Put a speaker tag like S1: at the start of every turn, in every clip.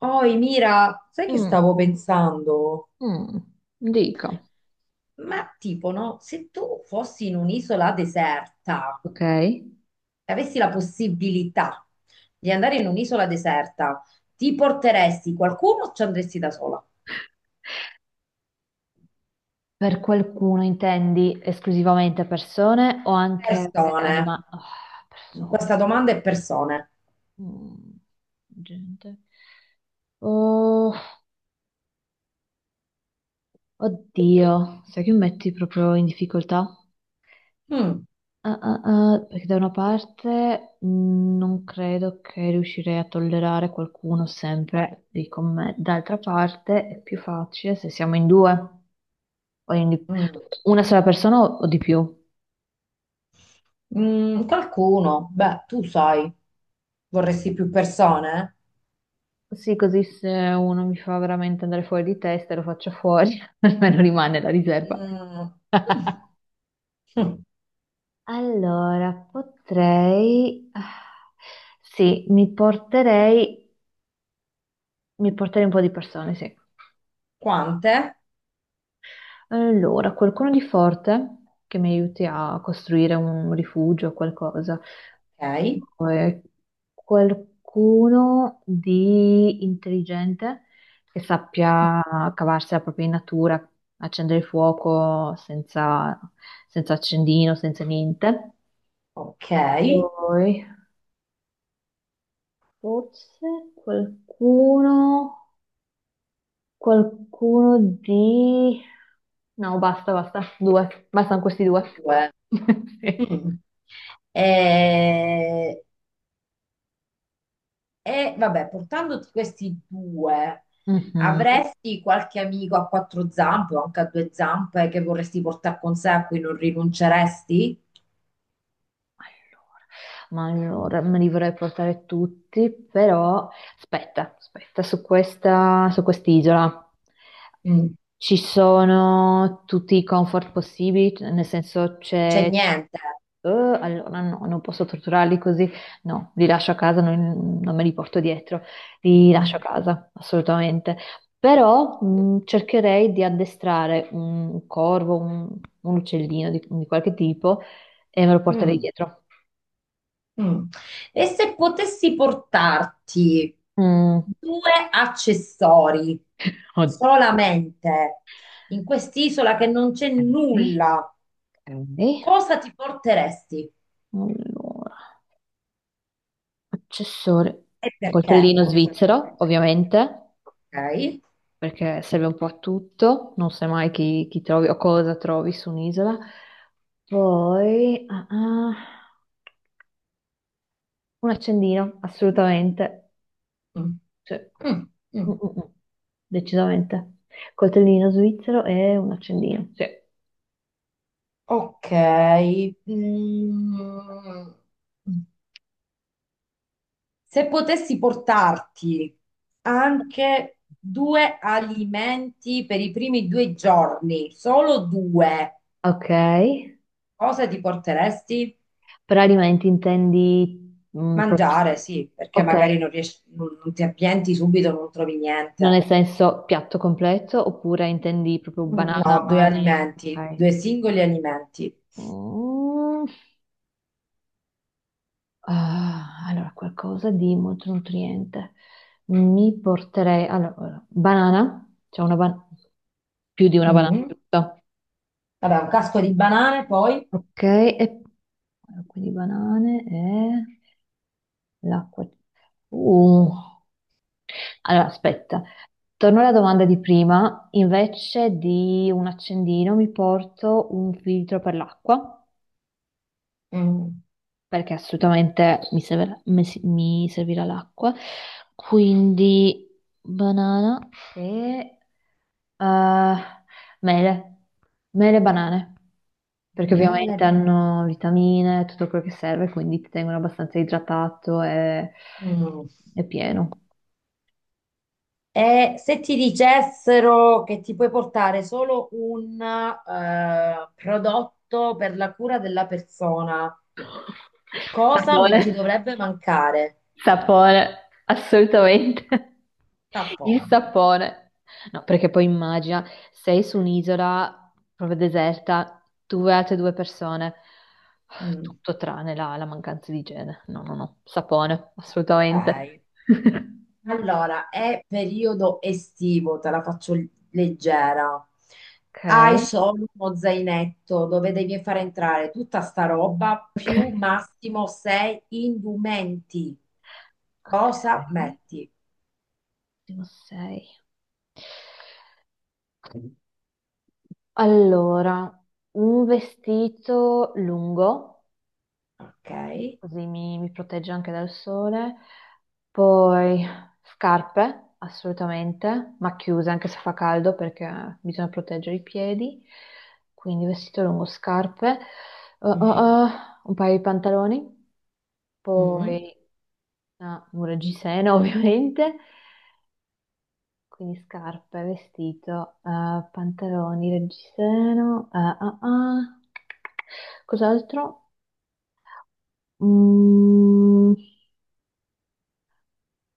S1: Oi, Mira, sai che
S2: Mm,
S1: stavo pensando?
S2: mm, dica.
S1: Ma tipo, no? Se tu fossi in un'isola deserta
S2: Ok?
S1: e avessi la possibilità di andare in un'isola deserta, ti porteresti qualcuno o ci andresti da sola?
S2: Per qualcuno intendi esclusivamente persone o anche
S1: Persone.
S2: animali? Persone.
S1: Questa domanda è persone.
S2: Mm, gente. Oh, oddio, sai che mi metti proprio in difficoltà?
S1: Mm,
S2: Ah, ah, ah, perché da una parte non credo che riuscirei a tollerare qualcuno sempre lì con me, d'altra parte è più facile se siamo in due, o in di-
S1: mm.
S2: una sola persona o di più.
S1: Qualcuno? Beh, tu sai, vorresti più persone?
S2: Sì, così se uno mi fa veramente andare fuori di testa, lo faccio fuori, almeno rimane la riserva.
S1: Mm. Mm.
S2: Allora, potrei... sì, mi porterei un po' di persone, sì.
S1: Quante?
S2: Allora, qualcuno di forte che mi aiuti a costruire un rifugio o qualcosa.
S1: Ok.
S2: Poi qualcuno di intelligente che sappia cavarsi la propria in natura, accendere il fuoco senza, senza accendino, senza niente.
S1: Ok.
S2: Poi forse qualcuno, qualcuno di... No, basta, basta, due, bastano questi due.
S1: Due.
S2: Sì.
S1: Mm. E, vabbè, portandoti questi due,
S2: Mhm.
S1: avresti qualche amico a quattro zampe o anche a due zampe che vorresti portare con sé, a cui non rinunceresti?
S2: Allora, ma allora me li vorrei portare tutti, però aspetta, aspetta, su quest'isola
S1: Mm. Non
S2: ci sono tutti i comfort possibili, nel senso
S1: c'è niente.
S2: allora no, non posso torturarli così, no, li lascio a casa, non me li porto dietro, li lascio a
S1: Mm.
S2: casa, assolutamente. Però cercherei di addestrare un corvo, un uccellino di qualche tipo e me lo porterei dietro.
S1: Mm. E se potessi portarti
S2: Mm.
S1: due accessori
S2: Oddio.
S1: solamente in quest'isola che non c'è
S2: Ok.
S1: nulla,
S2: Ok.
S1: cosa ti porteresti?
S2: Allora, accessori.
S1: E
S2: Un
S1: perché?
S2: coltellino
S1: Voglio sapere anche
S2: svizzero,
S1: il perché.
S2: ovviamente,
S1: Ok.
S2: perché serve un po' a tutto, non sai mai chi, chi trovi o cosa trovi su un'isola. Poi un accendino, assolutamente.
S1: Mm.
S2: Cioè,
S1: Mm,
S2: mm,
S1: mm.
S2: mm, mm, decisamente. Coltellino svizzero e un accendino. Sì.
S1: Ok. Mm. Se potessi portarti anche due alimenti per i primi due giorni, solo due,
S2: Ok.
S1: cosa ti porteresti?
S2: Per alimenti intendi...
S1: Mangiare,
S2: sì.
S1: sì, perché magari
S2: Ok,
S1: non riesci, non ti appienti subito, non trovi
S2: non
S1: niente.
S2: nel senso piatto completo oppure intendi proprio banana,
S1: No, due alimenti,
S2: ok.
S1: due singoli alimenti.
S2: Mm, allora, qualcosa di molto nutriente. Allora, allora, banana, c'è una banana, più di una banana,
S1: Mhm.
S2: giusto?
S1: Vabbè, un casco di banane, poi.
S2: Ok, e allora, quindi banane e l'acqua. Uh, allora, aspetta. Torno alla domanda di prima, invece di un accendino mi porto un filtro per l'acqua,
S1: Mm,
S2: perché assolutamente mi serve- mi si- mi servirà l'acqua, quindi banana e eh, mele, mele e banane, perché
S1: nelle
S2: ovviamente
S1: ba-
S2: hanno vitamine, tutto quello che serve, quindi ti tengono abbastanza idratato e
S1: mm.
S2: e pieno.
S1: E se ti dicessero che ti puoi portare solo un prodotto per la cura della persona, cosa non
S2: Sapone,
S1: ti dovrebbe mancare?
S2: sapone, assolutamente. Il
S1: Sapone.
S2: sapone. No, perché poi immagina, sei su un'isola proprio deserta, tu e altre due persone,
S1: Mm,
S2: tutto tranne la mancanza di igiene. No, no, no, sapone,
S1: ok.
S2: assolutamente.
S1: Allora, è periodo estivo, te la faccio leggera.
S2: Ok,
S1: Hai solo uno zainetto dove devi fare entrare tutta sta roba
S2: ok,
S1: più massimo sei indumenti. Cosa
S2: ok,
S1: metti?
S2: ultimo sei. Allora, un vestito lungo,
S1: Ok.
S2: così mi protegge anche dal sole, poi scarpe, assolutamente, ma chiuse anche se fa caldo perché bisogna proteggere i piedi, quindi vestito lungo, scarpe, Uh, uh, uh, un paio di pantaloni,
S1: Mm.
S2: poi un reggiseno ovviamente, quindi scarpe, vestito, pantaloni, reggiseno, ah. Cos'altro? Mm,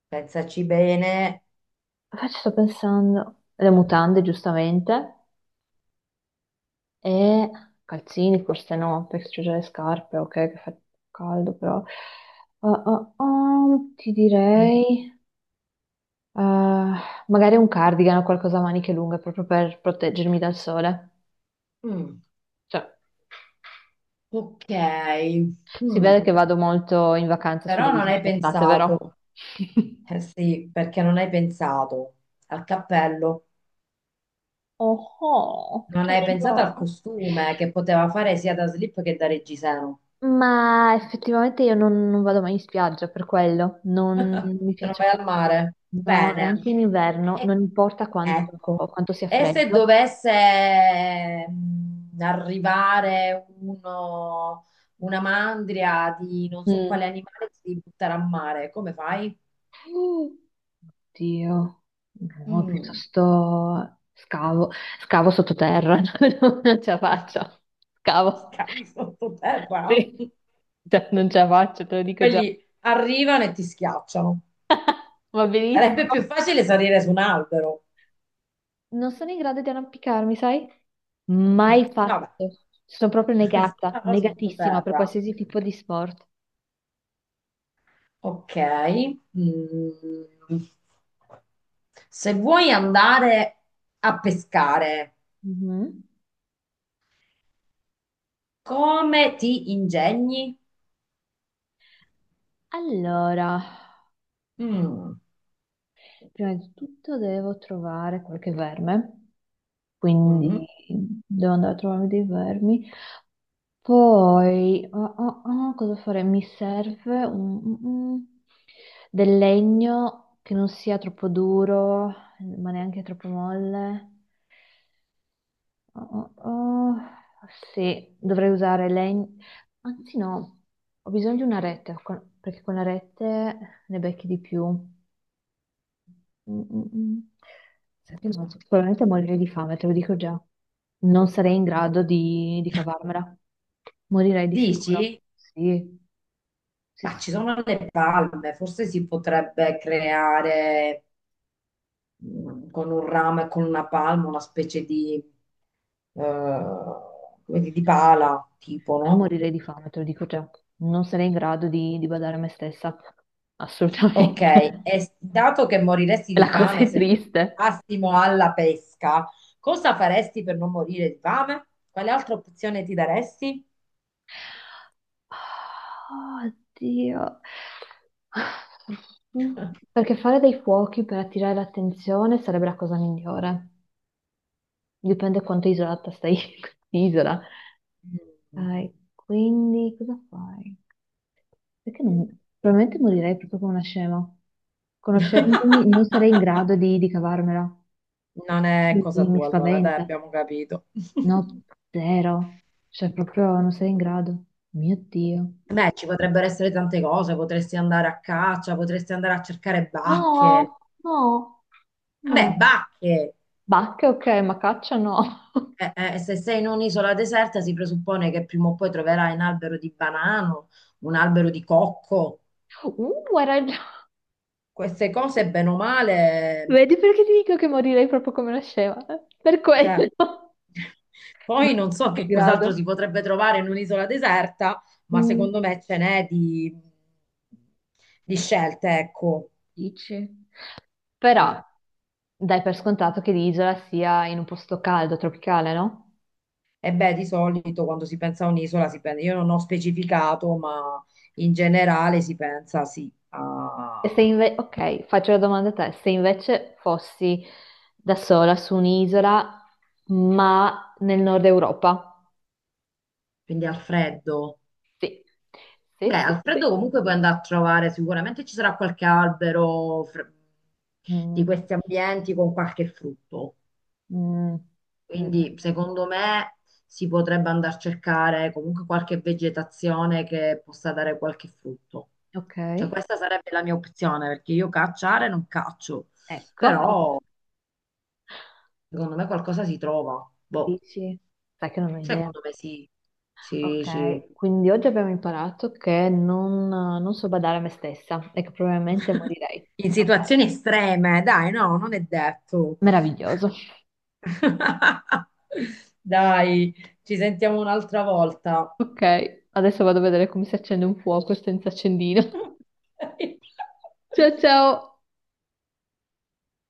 S1: Pensaci bene.
S2: poi ci sto pensando. Le mutande, giustamente, e calzini, forse no, perché c'ho già le scarpe, ok, che fa caldo, però. Ti
S1: Mm.
S2: direi, eh, magari un cardigan o qualcosa a maniche lunghe proprio per proteggermi dal sole.
S1: Mm.
S2: Cioè,
S1: Ok.
S2: si
S1: Mm.
S2: vede che vado molto in vacanza sulle
S1: Però non
S2: isole
S1: hai
S2: in estate,
S1: pensato.
S2: vero?
S1: Eh sì, perché non hai pensato al cappello.
S2: Oh, oh,
S1: Non
S2: ce
S1: hai
S2: l'ho
S1: pensato al
S2: giuro.
S1: costume che poteva fare sia da slip che da reggiseno?
S2: Ma effettivamente io non vado mai in spiaggia per quello, non mi
S1: Se non
S2: piace
S1: vai al
S2: proprio.
S1: mare?
S2: No, e
S1: Bene.
S2: anche in inverno,
S1: E-
S2: non importa
S1: ecco.
S2: quanto sia
S1: E se
S2: freddo.
S1: dovesse arrivare una mandria di non so quale
S2: Mm.
S1: animale ti devi buttare a mare, come fai?
S2: Dio, no,
S1: Mm.
S2: piuttosto scavo, scavo sottoterra, no, non ce la faccio. Scavo,
S1: Scavi sottoterra.
S2: sì. Cioè, non ce la faccio, te lo dico già.
S1: Quelli arrivano e ti schiacciano.
S2: Va
S1: Sarebbe
S2: benissimo.
S1: più facile salire su un albero.
S2: Non sono in grado di arrampicarmi, sai? Mai
S1: No,
S2: fatto.
S1: beh,
S2: Sono proprio negata,
S1: scava
S2: negatissima per
S1: sottoterra.
S2: qualsiasi tipo di sport.
S1: Ok. Mm. Se vuoi andare a pescare,
S2: Mhm.
S1: come ti ingegni?
S2: Allora,
S1: Mm.
S2: prima di tutto devo trovare qualche verme, quindi
S1: Mhm.
S2: devo andare a trovarmi dei vermi. Poi, cosa fare? Mi serve del legno che non sia troppo duro, ma neanche troppo molle. Oh, oh, oh. Sì, dovrei usare legno. Anzi, no, ho bisogno di una rete perché con la rete ne becchi di più. Mm, mm, mm. Senti, no, sicuramente morirei di fame, te lo dico già. Non sarei in grado di cavarmela. Morirei di sicuro.
S1: Dici?
S2: Sì, sì,
S1: Ma
S2: sì.
S1: ci sono le palme, forse si potrebbe creare con un ramo e con una palma una specie di, come dire, di pala, tipo, no?
S2: Morirei di fame, te lo dico già. Non sarei in grado di badare a me stessa.
S1: Ok,
S2: Assolutamente.
S1: e dato che moriresti
S2: La
S1: di
S2: cosa
S1: fame
S2: è
S1: se
S2: triste.
S1: passimo alla pesca, cosa faresti per non morire di fame? Quale altra opzione ti daresti?
S2: Ah, Oddio. Perché fare dei fuochi per attirare l'attenzione sarebbe la cosa migliore. Dipende quanto isolata stai in isola.
S1: Mm.
S2: Ok, quindi cosa fai? Perché non... Probabilmente morirei proprio come una scema. Conoscendomi, non sarei in grado di cavarmela.
S1: Non è cosa
S2: Mi
S1: tua, allora, dai,
S2: spaventa.
S1: abbiamo capito.
S2: No, zero. Cioè, proprio non sarei in grado. Mio Dio.
S1: Beh, ci potrebbero essere tante cose, potresti andare a caccia, potresti andare a cercare bacche.
S2: No, no,
S1: Vabbè,
S2: no.
S1: bacche!
S2: Bacche, ok, ma caccia no.
S1: Se sei in un'isola deserta si presuppone che prima o poi troverai un albero di banano, un albero di cocco.
S2: Hai ragione.
S1: Queste cose, bene o male,
S2: Vedi perché ti dico che morirei proprio come nasceva? Eh? Per
S1: cioè,
S2: quello. Non
S1: poi
S2: sono
S1: non so che
S2: in
S1: cos'altro
S2: grado.
S1: si potrebbe trovare in un'isola deserta, ma
S2: Mm.
S1: secondo me ce n'è di, scelte, ecco.
S2: Dici? Però
S1: Sì.
S2: dai per scontato che l'isola sia in un posto caldo, tropicale, no?
S1: E beh, di solito quando si pensa a un'isola si pensa, io non ho specificato, ma in generale si pensa, sì,
S2: E se invece, ok, faccio la domanda a te, se invece fossi da sola su un'isola, ma nel nord Europa?
S1: quindi al freddo.
S2: Sì,
S1: Beh,
S2: sì, sì,
S1: al freddo
S2: sì.
S1: comunque puoi andare a trovare, sicuramente ci sarà qualche albero di
S2: Mm.
S1: questi ambienti con qualche frutto.
S2: Mm, mm,
S1: Quindi secondo me si potrebbe andare a cercare comunque qualche vegetazione che possa dare qualche frutto. Cioè
S2: ok,
S1: questa sarebbe la mia opzione, perché io cacciare non caccio,
S2: ecco,
S1: però secondo me qualcosa si trova. Boh,
S2: dici, sai che non ho idea.
S1: secondo me sì. Sì, sì.
S2: Ok, quindi oggi abbiamo imparato che non so badare a me stessa e che probabilmente morirei.
S1: In
S2: Ok,
S1: situazioni estreme, dai, no, non è detto.
S2: meraviglioso.
S1: Dai, ci sentiamo un'altra volta.
S2: Ok, adesso vado a vedere come si accende un fuoco senza accendino. Ciao ciao!